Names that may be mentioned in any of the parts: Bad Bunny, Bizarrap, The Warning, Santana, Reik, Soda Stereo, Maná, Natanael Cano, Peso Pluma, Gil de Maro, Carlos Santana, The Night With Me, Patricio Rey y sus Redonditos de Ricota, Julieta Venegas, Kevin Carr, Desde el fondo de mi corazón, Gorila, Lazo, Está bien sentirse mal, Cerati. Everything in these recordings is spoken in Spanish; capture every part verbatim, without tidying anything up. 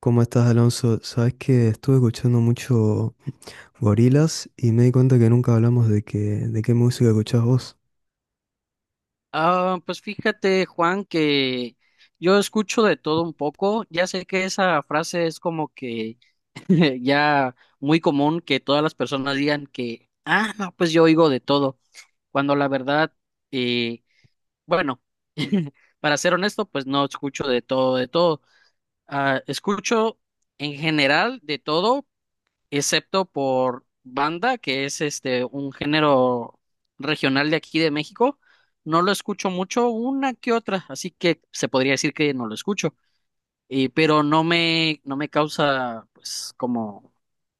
¿Cómo estás, Alonso? Sabes que estuve escuchando mucho Gorilas y me di cuenta que nunca hablamos de que, de qué música escuchás vos. Ah, pues fíjate, Juan, que yo escucho de todo un poco. Ya sé que esa frase es como que ya muy común que todas las personas digan que, ah, no, pues yo oigo de todo, cuando la verdad, eh, bueno, para ser honesto, pues no escucho de todo, de todo. Ah, escucho en general de todo, excepto por banda, que es este un género regional de aquí de México. No lo escucho mucho, una que otra, así que se podría decir que no lo escucho, y, pero no me, no me causa pues como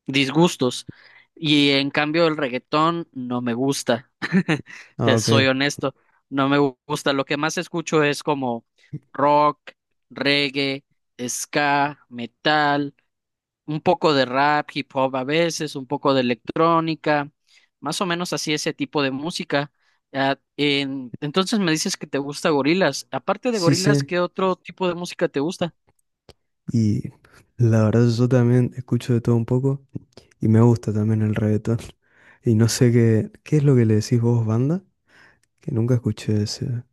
disgustos. Y en cambio el reggaetón no me gusta, Ah, te ok. soy honesto, no me gu- gusta. Lo que más escucho es como rock, reggae, ska, metal un poco de rap, hip hop a veces, un poco de electrónica, más o menos así ese tipo de música. Ah, en- entonces me dices que te gusta Gorilas. Aparte de Sí, Gorilas, sí. ¿qué otro tipo de música te gusta? Y la verdad yo también escucho de todo un poco y me gusta también el reggaetón. Y no sé qué, qué es lo que le decís vos, banda, que nunca escuché ese,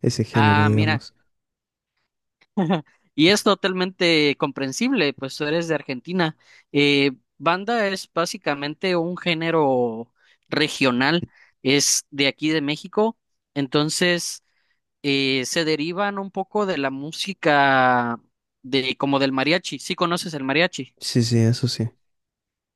ese género, Ah, mira, digamos. y es totalmente comprensible, pues tú eres de Argentina. Eh, Banda es básicamente un género regional, es de aquí de México, entonces eh, se derivan un poco de la música de como del mariachi. ¿Sí conoces el mariachi? Sí, sí, eso sí. Sí.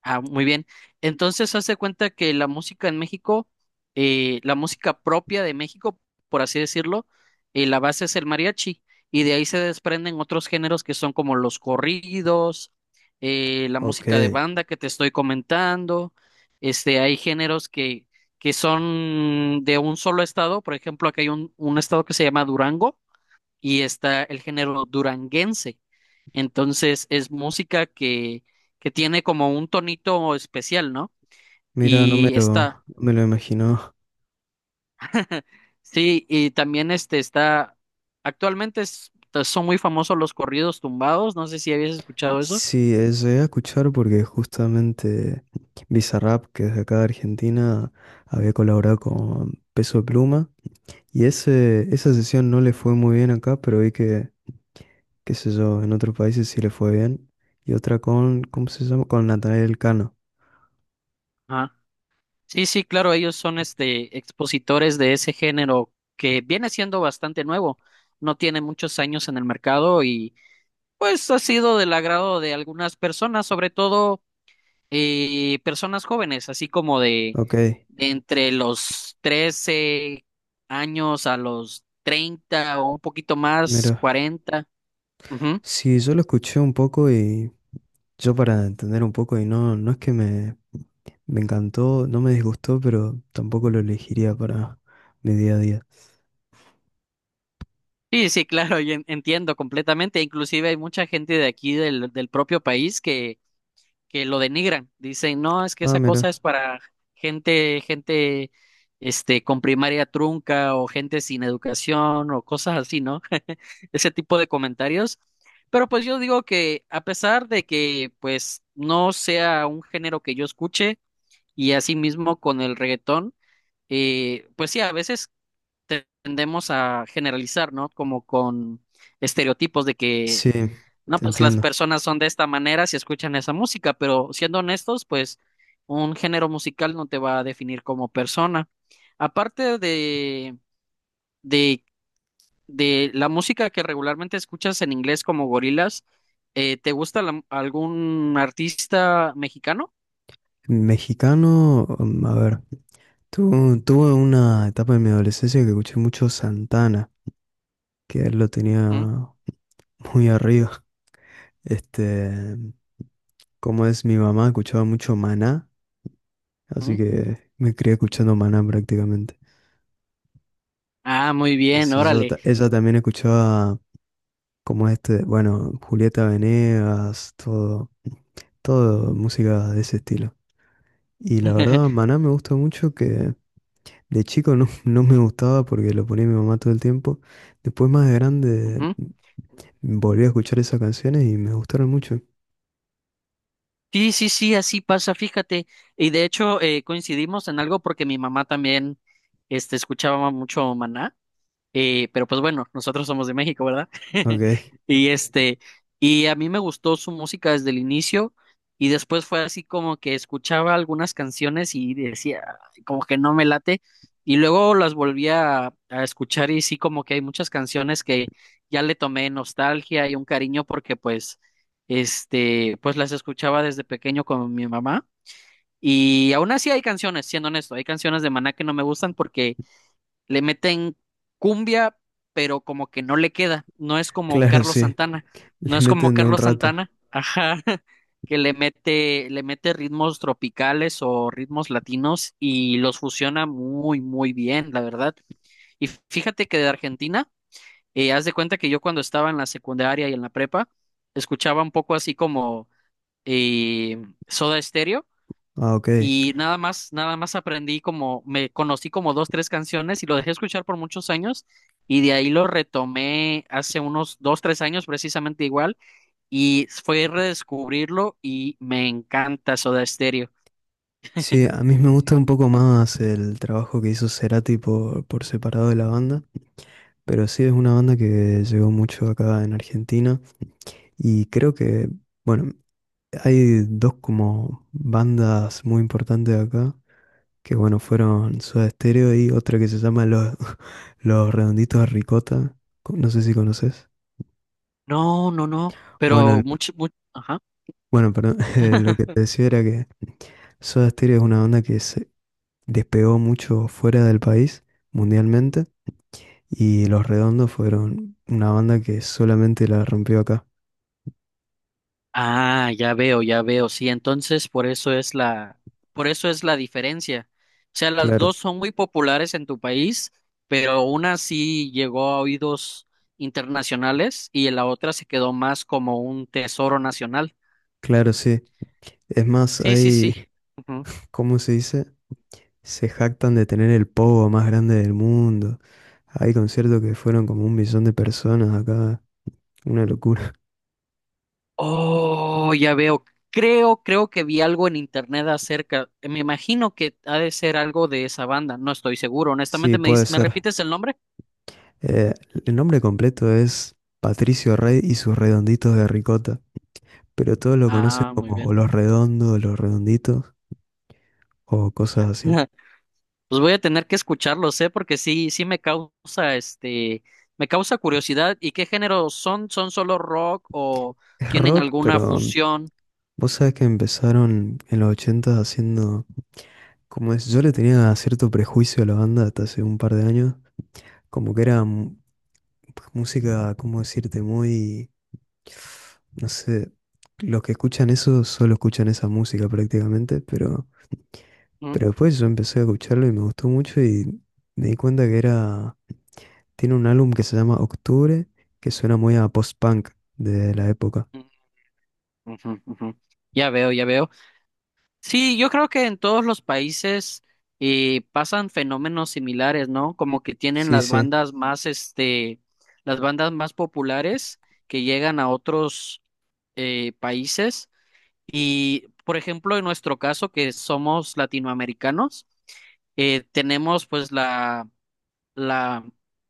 Ah, muy bien. Entonces, hace cuenta que la música en México, eh, la música propia de México, por así decirlo, eh, la base es el mariachi y de ahí se desprenden otros géneros que son como los corridos, eh, la Ok. música de banda que te estoy comentando. Este, hay géneros que, que son de un solo estado. Por ejemplo, acá hay un, un estado que se llama Durango y está el género duranguense. Entonces es música que, que tiene como un tonito especial, ¿no? Mira, no me Y lo, está, no me lo imagino. sí, y también este está, actualmente es- pues, son muy famosos los corridos tumbados, no sé si habías escuchado eso. Sí, eh, llegué a escuchar porque justamente Bizarrap, que es de acá de Argentina, había colaborado con Peso Pluma. Y ese, esa sesión no le fue muy bien acá, pero vi que, qué sé yo, en otros países sí le fue bien. Y otra con, ¿cómo se llama? Con Natanael Cano. Ajá. Sí, sí, claro, ellos son este expositores de ese género que viene siendo bastante nuevo, no tiene muchos años en el mercado y pues ha sido del agrado de algunas personas, sobre todo eh, personas jóvenes, así como de, Ok, de entre los trece años a los treinta o un poquito más, mira. cuarenta. Ujú. Sí, yo lo escuché un poco y yo para entender un poco, y no, no es que me, me encantó, no me disgustó, pero tampoco lo elegiría para mi día a día. Sí, sí, claro, yo en- entiendo completamente. Inclusive hay mucha gente de aquí del, del propio país que que lo denigran. Dicen, no, es que Ah, esa cosa mira. es para gente, gente, este, con primaria trunca o gente sin educación o cosas así, ¿no? Ese tipo de comentarios. Pero pues yo digo que a pesar de que pues no sea un género que yo escuche y asimismo con el reggaetón, eh, pues sí, a veces tendemos a generalizar, ¿no? Como con estereotipos de Sí, que, no, te pues las entiendo. personas son de esta manera si escuchan esa música, pero siendo honestos, pues un género musical no te va a definir como persona. Aparte de, de, de la música que regularmente escuchas en inglés como gorilas, eh, ¿te gusta la- algún artista mexicano? Mexicano, mm, a ver, tu- tuve una etapa de mi adolescencia que escuché mucho Santana, que él lo Mm, tenía muy arriba. Este, como es mi mamá, escuchaba mucho Maná, así mm. que me crié escuchando Maná prácticamente. Ah, muy Qué bien, sé yo, órale. ta- ella también escuchaba como este, bueno, Julieta Venegas, todo, todo música de ese estilo. Y la verdad, Maná me gusta mucho que de chico no, no me gustaba porque lo ponía mi mamá todo el tiempo. Después más de grande Ujú. volví a escuchar esas canciones y me gustaron mucho. Sí, sí, sí, así pasa, fíjate. Y de hecho eh, coincidimos en algo porque mi mamá también este, escuchaba mucho Maná. Eh, pero pues bueno, nosotros somos de México, ¿verdad? Ok, Y este, y a mí me gustó su música desde el inicio y después fue así como que escuchaba algunas canciones y decía, "Ay, como que no me late y luego las volví a, a escuchar y sí como que hay muchas canciones que ya le tomé nostalgia y un cariño porque pues, este, pues las escuchaba desde pequeño con mi mamá y aún así hay canciones, siendo honesto, hay canciones de Maná que no me gustan porque le meten cumbia, pero como que no le queda, no es como claro, Carlos sí. Santana, no Les es como meten de un Carlos rato. Santana, ajá, que le mete, le mete ritmos tropicales o ritmos latinos y los fusiona muy, muy bien, la verdad. Y fíjate que de Argentina, eh, haz de cuenta que yo cuando estaba en la secundaria y en la prepa, escuchaba un poco así como eh, Soda Stereo Ah, ok. y nada más, nada más aprendí como, me conocí como dos, tres canciones y lo dejé escuchar por muchos años y de ahí lo retomé hace unos dos, tres años precisamente igual y fue redescubrirlo y me encanta Soda Stereo. Sí, a mí me gusta un poco más el trabajo que hizo Cerati por, por separado de la banda. Pero sí es una banda que llegó mucho acá en Argentina. Y creo que, bueno, hay dos como bandas muy importantes acá, que bueno, fueron Soda Stereo y otra que se llama Los, Los Redonditos de Ricota, co- no sé si conoces. No, no, no, Bueno, pero el- mucho, mucho. bueno, perdón, eh, lo que te decía era que Soda Stereo es una banda que se despegó mucho fuera del país, mundialmente, y Los Redondos fueron una banda que solamente la rompió acá. Ah, ya veo, ya veo. Sí, entonces por eso es la, por eso es la diferencia. O sea, las Claro, dos son muy populares en tu país, pero una sí llegó a oídos internacionales y la otra se quedó más como un tesoro nacional. claro, sí. Es más, Sí, sí, hay, sí. Ujú. ¿cómo se dice? Se jactan de tener el pogo más grande del mundo. Hay conciertos que fueron como un millón de personas acá, una locura. Oh, ya veo. Creo, creo que vi algo en internet acerca. Me imagino que ha de ser algo de esa banda. No estoy seguro. Sí, Honestamente, ¿me puede dice- me ser. repites el nombre? Eh, el nombre completo es Patricio Rey y sus redonditos de ricota, pero todos lo conocen Ah, muy como o bien. los redondos, o los redonditos o cosas así. Pues voy a tener que escucharlos, ¿eh? Porque sí, sí me causa, este, me causa curiosidad. ¿Y qué género son? ¿Son solo rock o Es tienen rock, alguna pero mm, fusión? vos sabés que empezaron en los ochenta haciendo, como es, yo le tenía cierto prejuicio a la banda hasta hace un par de años, como que era mu- música, ¿cómo decirte? Muy, no sé, los que escuchan eso solo escuchan esa música prácticamente, pero. Mm, Pero después yo empecé a escucharlo y me gustó mucho y me di cuenta que era. Tiene un álbum que se llama Octubre, que suena muy a post-punk de la época. mm, ujú, ujú. Ya veo, ya veo. Sí, yo creo que en todos los países eh, pasan fenómenos similares, ¿no? Como que tienen Sí, las sí, bandas más, este, las bandas más populares que llegan a otros eh, países. Y, por ejemplo, en nuestro caso, que somos latinoamericanos, eh, tenemos pues la, la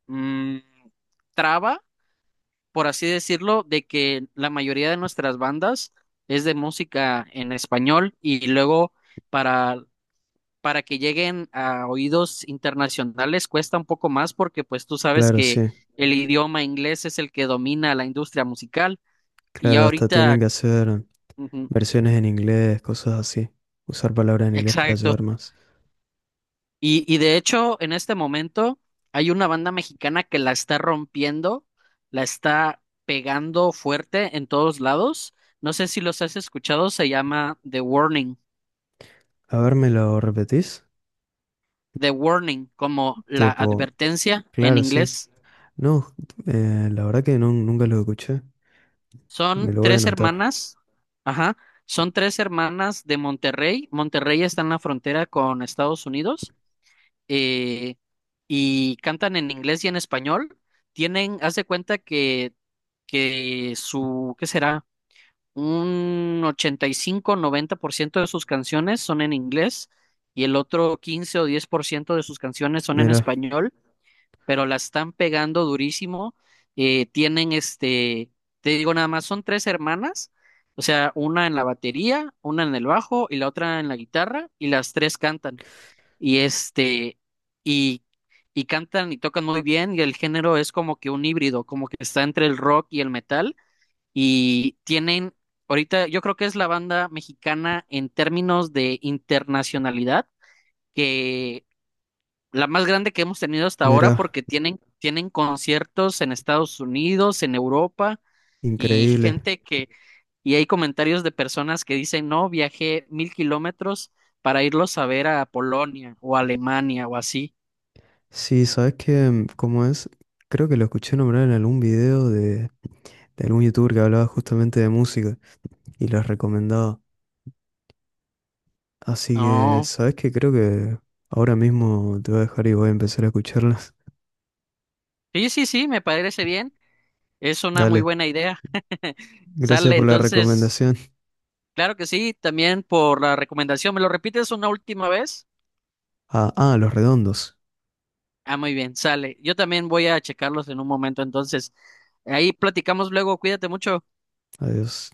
mm, traba, por así decirlo, de que la mayoría de nuestras bandas es de música en español y luego para, para que lleguen a oídos internacionales cuesta un poco más porque pues tú sabes claro, que sí. el idioma inglés es el que domina la industria musical y Claro, ya hasta tienen ahorita, que hacer ujú, versiones en inglés, cosas así. Usar palabras en inglés para exacto. llevar más. Y, y de hecho, en este momento hay una banda mexicana que la está rompiendo, la está pegando fuerte en todos lados. No sé si los has escuchado, se llama The Warning. A ver, ¿me lo repetís? The Warning, como la Tipo, advertencia en claro, sí. inglés. No, eh, la verdad que no, nunca lo escuché. Me Son lo voy a tres anotar. hermanas, ajá, son tres hermanas de Monterrey. Monterrey está en la frontera con Estados Unidos eh, y cantan en inglés y en español. Tienen, haz de cuenta que que su, ¿qué será? Un ochenta y cinco noventa por ciento de sus canciones son en inglés y el otro quince o diez por ciento de sus canciones son en Mira, español, pero la están pegando durísimo. Eh, tienen este, te digo nada más, son tres hermanas, o sea, una en la batería, una en el bajo y la otra en la guitarra y las tres cantan. Y este, y y cantan y tocan muy bien y el género es como que un híbrido, como que está entre el rock y el metal y tienen, ahorita yo creo que es la banda mexicana en términos de internacionalidad, que la más grande que hemos tenido hasta ahora mira, porque tienen, tienen conciertos en Estados Unidos, en Europa y increíble. gente que, y hay comentarios de personas que dicen, no, viajé mil kilómetros para irlos a ver a Polonia o Alemania o así. Sí, sabes que, ¿cómo es? Creo que lo escuché nombrar en algún video de, de algún youtuber que hablaba justamente de música y las recomendaba. Así que, No, ¿sabes que Creo que ahora mismo te voy a dejar y voy a empezar a escucharlas. sí, sí, sí, me parece bien. Es una muy Dale, buena idea. gracias Sale, por la entonces recomendación. claro que sí, también por la recomendación. ¿Me lo repites una última vez? Ah, ah, Los Redondos. Ah, muy bien, sale. Yo también voy a checarlos en un momento, entonces. Ahí platicamos luego, cuídate mucho. Adiós.